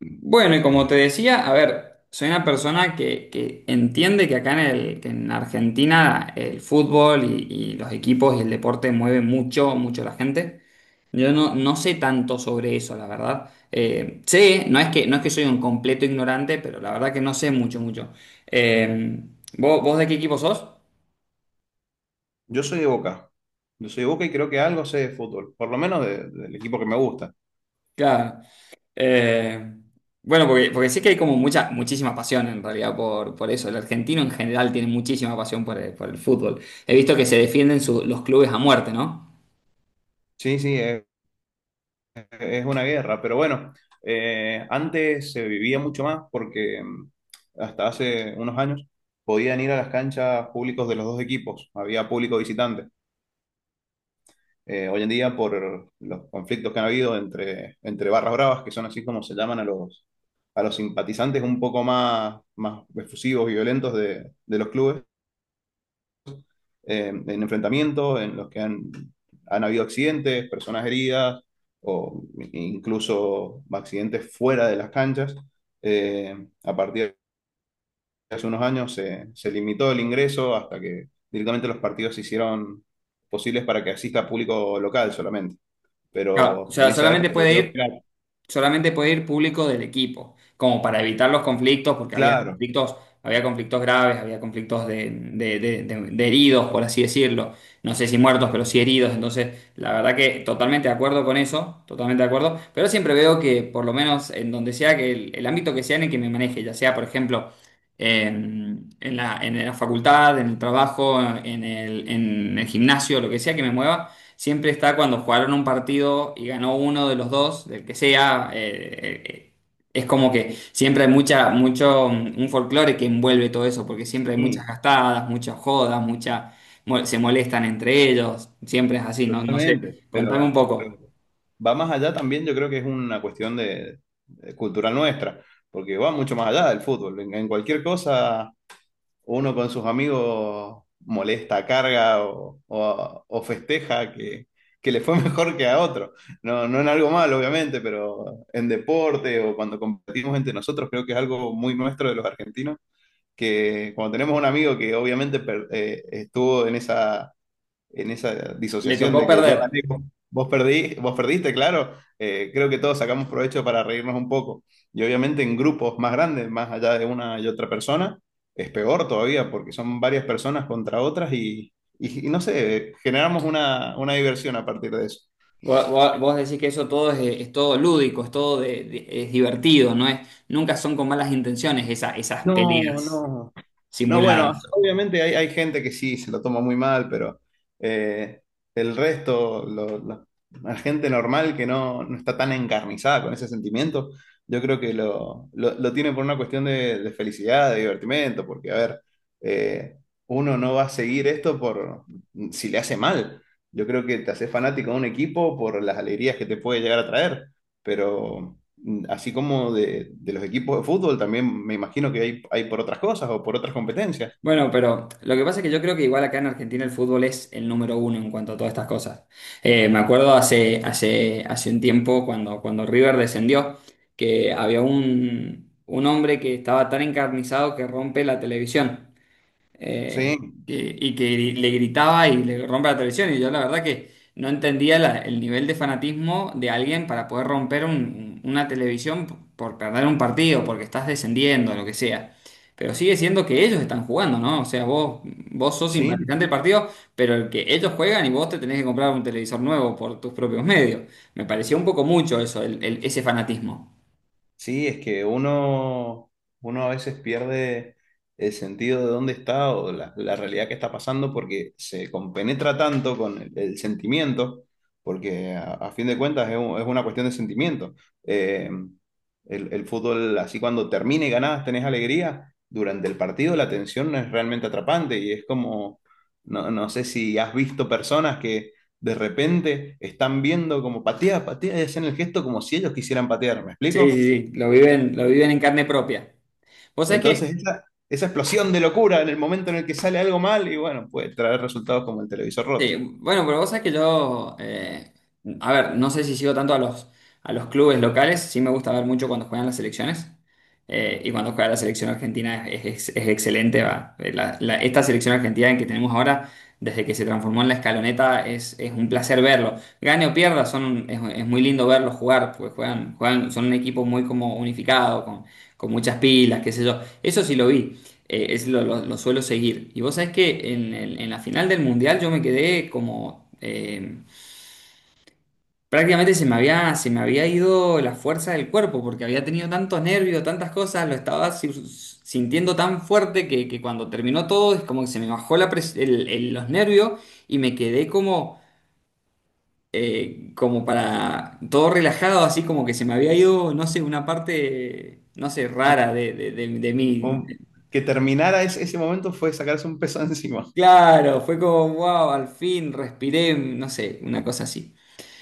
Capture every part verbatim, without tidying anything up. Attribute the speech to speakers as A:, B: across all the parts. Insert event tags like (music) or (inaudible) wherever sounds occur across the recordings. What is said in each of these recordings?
A: Bueno, y como te decía, a ver, soy una persona que, que entiende que acá en el, que en Argentina el fútbol y, y los equipos y el deporte mueven mucho, mucho a la gente. Yo no, no sé tanto sobre eso, la verdad. Eh, sé, no es que, no es que soy un completo ignorante, pero la verdad que no sé mucho, mucho. Eh, ¿vos, vos de qué equipo sos?
B: Yo soy de Boca. Yo soy de Boca y creo que algo sé de fútbol, por lo menos de- del equipo que me gusta.
A: Claro. Eh, bueno, porque, porque sé que hay como mucha, muchísima pasión en realidad por, por eso. El argentino en general tiene muchísima pasión por el, por el fútbol. He visto que se defienden su- los clubes a muerte, ¿no?
B: Sí, sí, es, es una guerra, pero bueno, eh, antes se vivía mucho más porque mm, hasta hace unos años podían ir a las canchas públicos de los dos equipos, había público visitante. Eh, hoy en día, por los conflictos que han habido entre, entre barras bravas, que son así como se llaman a los, a los simpatizantes un poco más, más efusivos y violentos de, de los clubes, eh, en enfrentamientos en los que han, han habido accidentes, personas heridas o incluso accidentes fuera de las canchas. Eh, a partir de hace unos años se, se limitó el ingreso hasta que directamente los partidos se hicieron posibles para que asista público local solamente.
A: Claro, o
B: Pero en
A: sea,
B: esa
A: solamente
B: época yo
A: puede
B: creo que
A: ir.
B: era
A: solamente puede ir público del equipo, como para evitar los conflictos, porque había
B: claro,
A: conflictos, había conflictos graves, había conflictos de, de- de- de- de heridos, por así decirlo. No sé si muertos, pero sí heridos. Entonces, la verdad que totalmente de acuerdo con eso, totalmente de acuerdo. Pero siempre veo que, por lo menos en donde sea, que el, el ámbito que sea en el que me maneje, ya sea, por ejemplo, en, en la, en la facultad, en el trabajo, en el, en el gimnasio, lo que sea que me mueva. Siempre está cuando jugaron un partido y ganó uno de los dos, del que sea. eh, eh, es como que siempre hay mucha, mucho, mm, un folclore que envuelve todo eso, porque siempre hay muchas
B: sí,
A: gastadas, muchas jodas, mucha, mo- se molestan entre ellos. Siempre es así, no, no sé.
B: totalmente.
A: Contame un
B: Pero,
A: poco.
B: pero va más allá también, yo creo que es una cuestión de, de cultural nuestra, porque va mucho más allá del fútbol. En, en cualquier cosa, uno con sus amigos molesta, carga o, o- o festeja que, que le fue (laughs) mejor que a otro. No, no en algo malo, obviamente, pero en deporte o cuando competimos entre nosotros, creo que es algo muy nuestro de los argentinos, que cuando tenemos un amigo que obviamente per- eh, estuvo en esa en esa
A: Le
B: disociación
A: tocó
B: de que yo
A: perder.
B: gané, vos vos perdí, vos perdiste, claro. Eh, creo que todos sacamos provecho para reírnos un poco. Y obviamente en grupos más grandes, más allá de una y otra persona, es peor todavía porque son varias personas contra otras y, y- y no sé, generamos una, una diversión a partir de eso.
A: Vos, vos- vos decís que eso todo es, es todo lúdico, es todo de- de- es divertido, no es, nunca son con malas intenciones esa- esas
B: No,
A: peleas
B: no. No, bueno,
A: simuladas.
B: obviamente hay, hay gente que sí se lo toma muy mal, pero eh, el resto, lo- lo- la gente normal que no, no está tan encarnizada con ese sentimiento, yo creo que lo, lo- lo tiene por una cuestión de, de felicidad, de divertimento, porque, a ver, eh, uno no va a seguir esto por si le hace mal. Yo creo que te haces fanático de un equipo por las alegrías que te puede llegar a traer, pero mm, así como de, de los equipos de fútbol, también me imagino que hay, hay por otras cosas o por otras competencias.
A: Bueno, pero lo que pasa es que yo creo que igual acá en Argentina el fútbol es el número uno en cuanto a todas estas cosas. Eh, me acuerdo hace, hace, hace un tiempo cuando, cuando River descendió, que había un, un hombre que estaba tan encarnizado que rompe la televisión, eh,
B: Sí,
A: que- y que le gritaba y le rompe la televisión. Y yo la verdad que no entendía la- el nivel de fanatismo de alguien para poder romper un- una televisión p- por perder un partido, porque estás descendiendo, lo que sea. Pero sigue siendo que ellos están jugando, ¿no? O sea, vos, vos sos simpatizante del
B: sí.
A: partido, pero el que ellos juegan y vos te tenés que comprar un televisor nuevo por tus propios medios. Me pareció un poco mucho eso, el- el- ese fanatismo.
B: Sí, es que uno, uno a veces pierde el sentido de dónde está o la, la realidad que está pasando porque se compenetra tanto con el, el sentimiento, porque a, a fin de cuentas es, un- es una cuestión de sentimiento. Eh, el, el fútbol, así cuando termine y ganás, tenés alegría, durante el partido la tensión es realmente atrapante y es como, no, no sé si has visto personas que de repente están viendo como patea, patea y hacen el gesto como si ellos quisieran patear, ¿me
A: Sí,
B: explico?
A: sí, sí, lo viven, lo viven en carne propia. Vos sabés que
B: Entonces, esa, esa explosión de locura en el momento en el que sale algo mal y bueno, puede traer resultados como el televisor
A: Sí,
B: roto.
A: bueno, pero vos sabés que yo, eh, a ver, no sé si sigo tanto a los, a los clubes locales, sí me gusta ver mucho cuando juegan las selecciones, eh, y cuando juega la selección argentina es, es- es excelente, va. Eh, la- la- esta selección argentina en que tenemos ahora, desde que se transformó en la escaloneta, es, es un placer verlo. Gane o pierda, son, es, es muy lindo verlos jugar, porque juegan, juegan, son un equipo muy como unificado, con, con muchas pilas, qué sé yo. Eso sí lo vi, eh, es lo, lo- lo suelo seguir. Y vos sabés que en, el- en la final del Mundial yo me quedé como, eh, prácticamente se me había, se me había ido la fuerza del cuerpo porque había tenido tantos nervios, tantas cosas, lo estaba si- sintiendo tan fuerte que, que cuando terminó todo es como que se me bajó la pres- el- el- los nervios y me quedé como, como para todo relajado, así como que se me había ido, no sé, una parte, no sé,
B: Un-
A: rara de, de, de, de mí.
B: un- que terminara ese, ese momento fue sacarse un peso (laughs) encima.
A: Claro, fue como, wow, al fin respiré, no sé, una cosa así.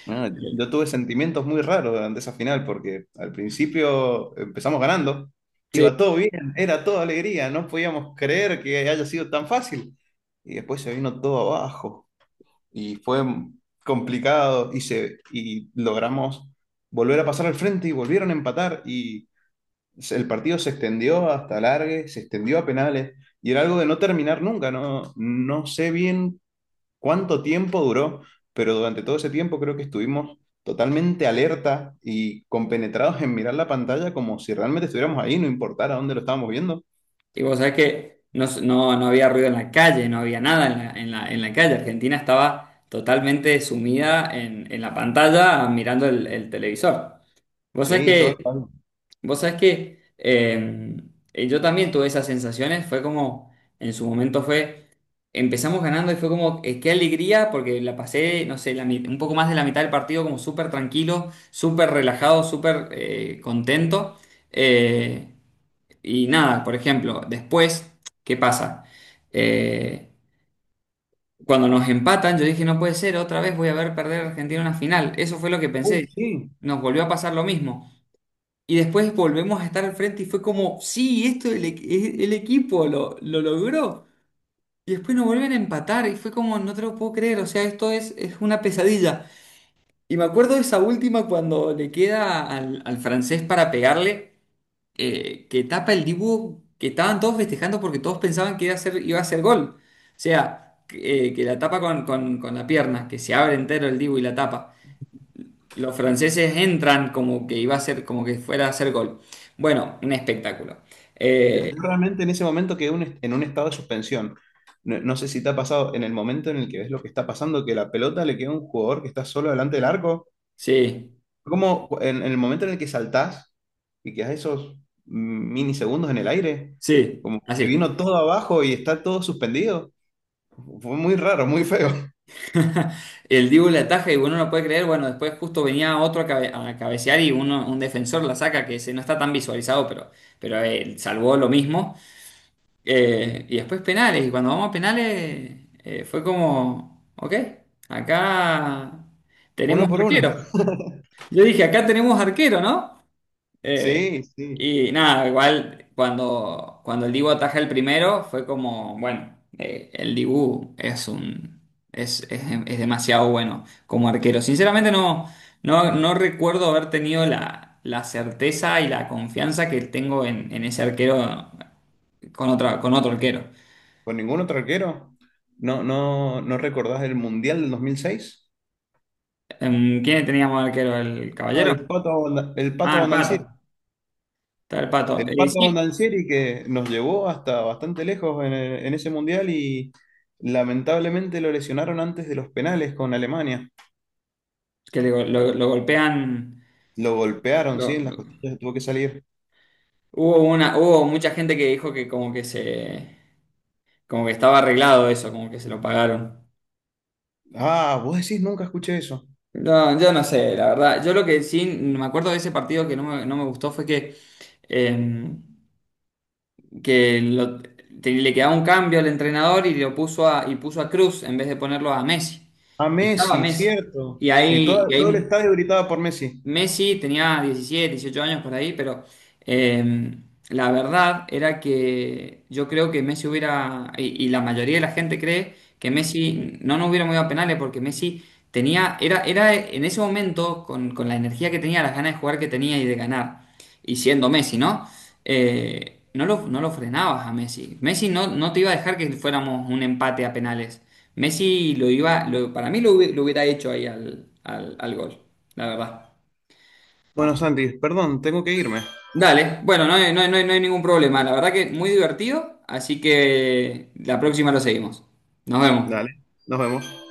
B: Ah, yo tuve sentimientos muy raros durante esa final porque al principio empezamos ganando,
A: Sí,
B: iba todo bien, era toda alegría, no podíamos creer que haya sido tan fácil. Y después se vino todo abajo y fue complicado y, se, y logramos volver a pasar al frente y volvieron a empatar, se- el partido se extendió hasta largue, se extendió a penales y era algo de no terminar nunca, no, no sé bien cuánto tiempo duró, pero durante todo ese tiempo creo que estuvimos totalmente alerta y compenetrados en mirar la pantalla como si realmente estuviéramos ahí, no importara dónde lo estábamos viendo.
A: y vos sabés que no, no, no había ruido en la calle, no había nada en la, en la, en la calle. Argentina estaba totalmente sumida en, en la pantalla mirando el, el televisor. Vos sabés
B: Sí, todo el
A: que
B: país.
A: Vos sabés que eh, eh, Yo también tuve esas sensaciones, fue como, en su momento fue, empezamos ganando y fue como, eh, qué alegría, porque la pasé, no sé, la mi- un poco más de la mitad del partido como súper tranquilo, súper relajado, súper eh, contento. Eh, y nada, por ejemplo, después, ¿qué pasa? Eh, Cuando nos empatan, yo dije, no puede ser, otra vez voy a ver perder a Argentina una final. Eso fue lo que
B: Uh,
A: pensé.
B: sí,
A: Nos volvió a pasar lo mismo. Y después volvemos a estar al frente y fue como, sí, esto el, equ- e- el equipo lo, lo logró. Y después nos vuelven a empatar y fue como, no te lo puedo creer, o sea, esto es, es una pesadilla. Y me acuerdo de esa última cuando le queda al, al francés para pegarle, eh, que tapa el dibujo, que estaban todos festejando porque todos pensaban que iba a ser, iba a ser gol. O sea, que eh, que la tapa con, con- con la pierna, que se abre entero el dibu y la tapa. Los franceses entran como que iba a ser, como que fuera a hacer gol. Bueno, un espectáculo.
B: yo,
A: Eh,
B: yo realmente en ese momento quedé un est- en un estado de suspensión. No, no sé si te ha pasado en el momento en el que ves lo que está pasando, que la pelota le queda a un jugador que está solo delante del arco.
A: sí,
B: Como en, en el momento en el que saltás y quedas esos minisegundos en el aire,
A: sí,
B: como te
A: así.
B: vino todo abajo y está todo suspendido. Fue muy raro, muy feo. (laughs)
A: (laughs) El Dibu la ataja y uno no puede creer. Bueno, después justo venía otro a, cabe- a cabecear y uno, un defensor la saca, que se, no está tan visualizado, pero, pero eh, salvó lo mismo. Eh, y después penales. Y cuando vamos a penales, eh, fue como, ok, acá
B: Uno
A: tenemos
B: por uno.
A: arquero. Yo dije, acá tenemos arquero, ¿no? Eh,
B: Sí, sí.
A: Y nada, igual cuando, cuando el Dibu ataja el primero fue como, bueno, eh, el Dibu es un es, es, es demasiado bueno como arquero. Sinceramente no, no, no recuerdo haber tenido la, la certeza y la confianza que tengo en, en ese arquero con otra, con otro arquero.
B: Con ningún otro arquero. ¿No, no, no recordás el Mundial del dos mil seis?
A: Em, ¿Quién teníamos arquero? ¿El
B: Ah,
A: Caballero?
B: el Pato, Abonda- el Pato
A: Ah, el Pato.
B: Abondancieri.
A: Está el Pato.
B: El
A: Eh,
B: Pato
A: sí,
B: Abondancieri que nos llevó hasta bastante lejos en, en ese Mundial y lamentablemente lo lesionaron antes de los penales con Alemania.
A: que le go- lo, lo golpean.
B: Lo golpearon, sí,
A: lo-
B: en las
A: lo-
B: costillas, tuvo que salir.
A: Hubo una, hubo mucha gente que dijo que como que se Como que estaba arreglado eso, como que se lo pagaron.
B: Ah, vos decís, nunca escuché eso.
A: No, yo no sé, la verdad. Yo lo que sí me acuerdo de ese partido que no me, no me gustó fue que, eh, que lo- te- le quedaba un cambio al entrenador y lo puso a, y puso a Cruz en vez de ponerlo a Messi.
B: A
A: Y estaba
B: Messi,
A: Messi.
B: cierto.
A: Y
B: Y todo,
A: ahí, y
B: todo el
A: ahí
B: estadio gritaba por Messi.
A: Messi tenía diecisiete, dieciocho años por ahí, pero eh, la verdad era que yo creo que Messi hubiera, y, y la mayoría de la gente cree que Messi no nos hubiera movido a penales porque Messi tenía, era, era en ese momento, con, con la energía que tenía, las ganas de jugar que tenía y de ganar, y siendo Messi, ¿no? Eh, no lo, no lo frenabas a Messi. Messi no, no te iba a dejar que fuéramos un empate a penales. Messi lo iba, lo- para mí lo, hubi- lo hubiera hecho ahí al, al al gol, la verdad.
B: Bueno, Santi, perdón, tengo que irme.
A: Dale, bueno, no hay, no hay- no hay- no hay ningún problema. La verdad que muy divertido, así que la próxima lo seguimos. Nos vemos.
B: Dale, nos vemos.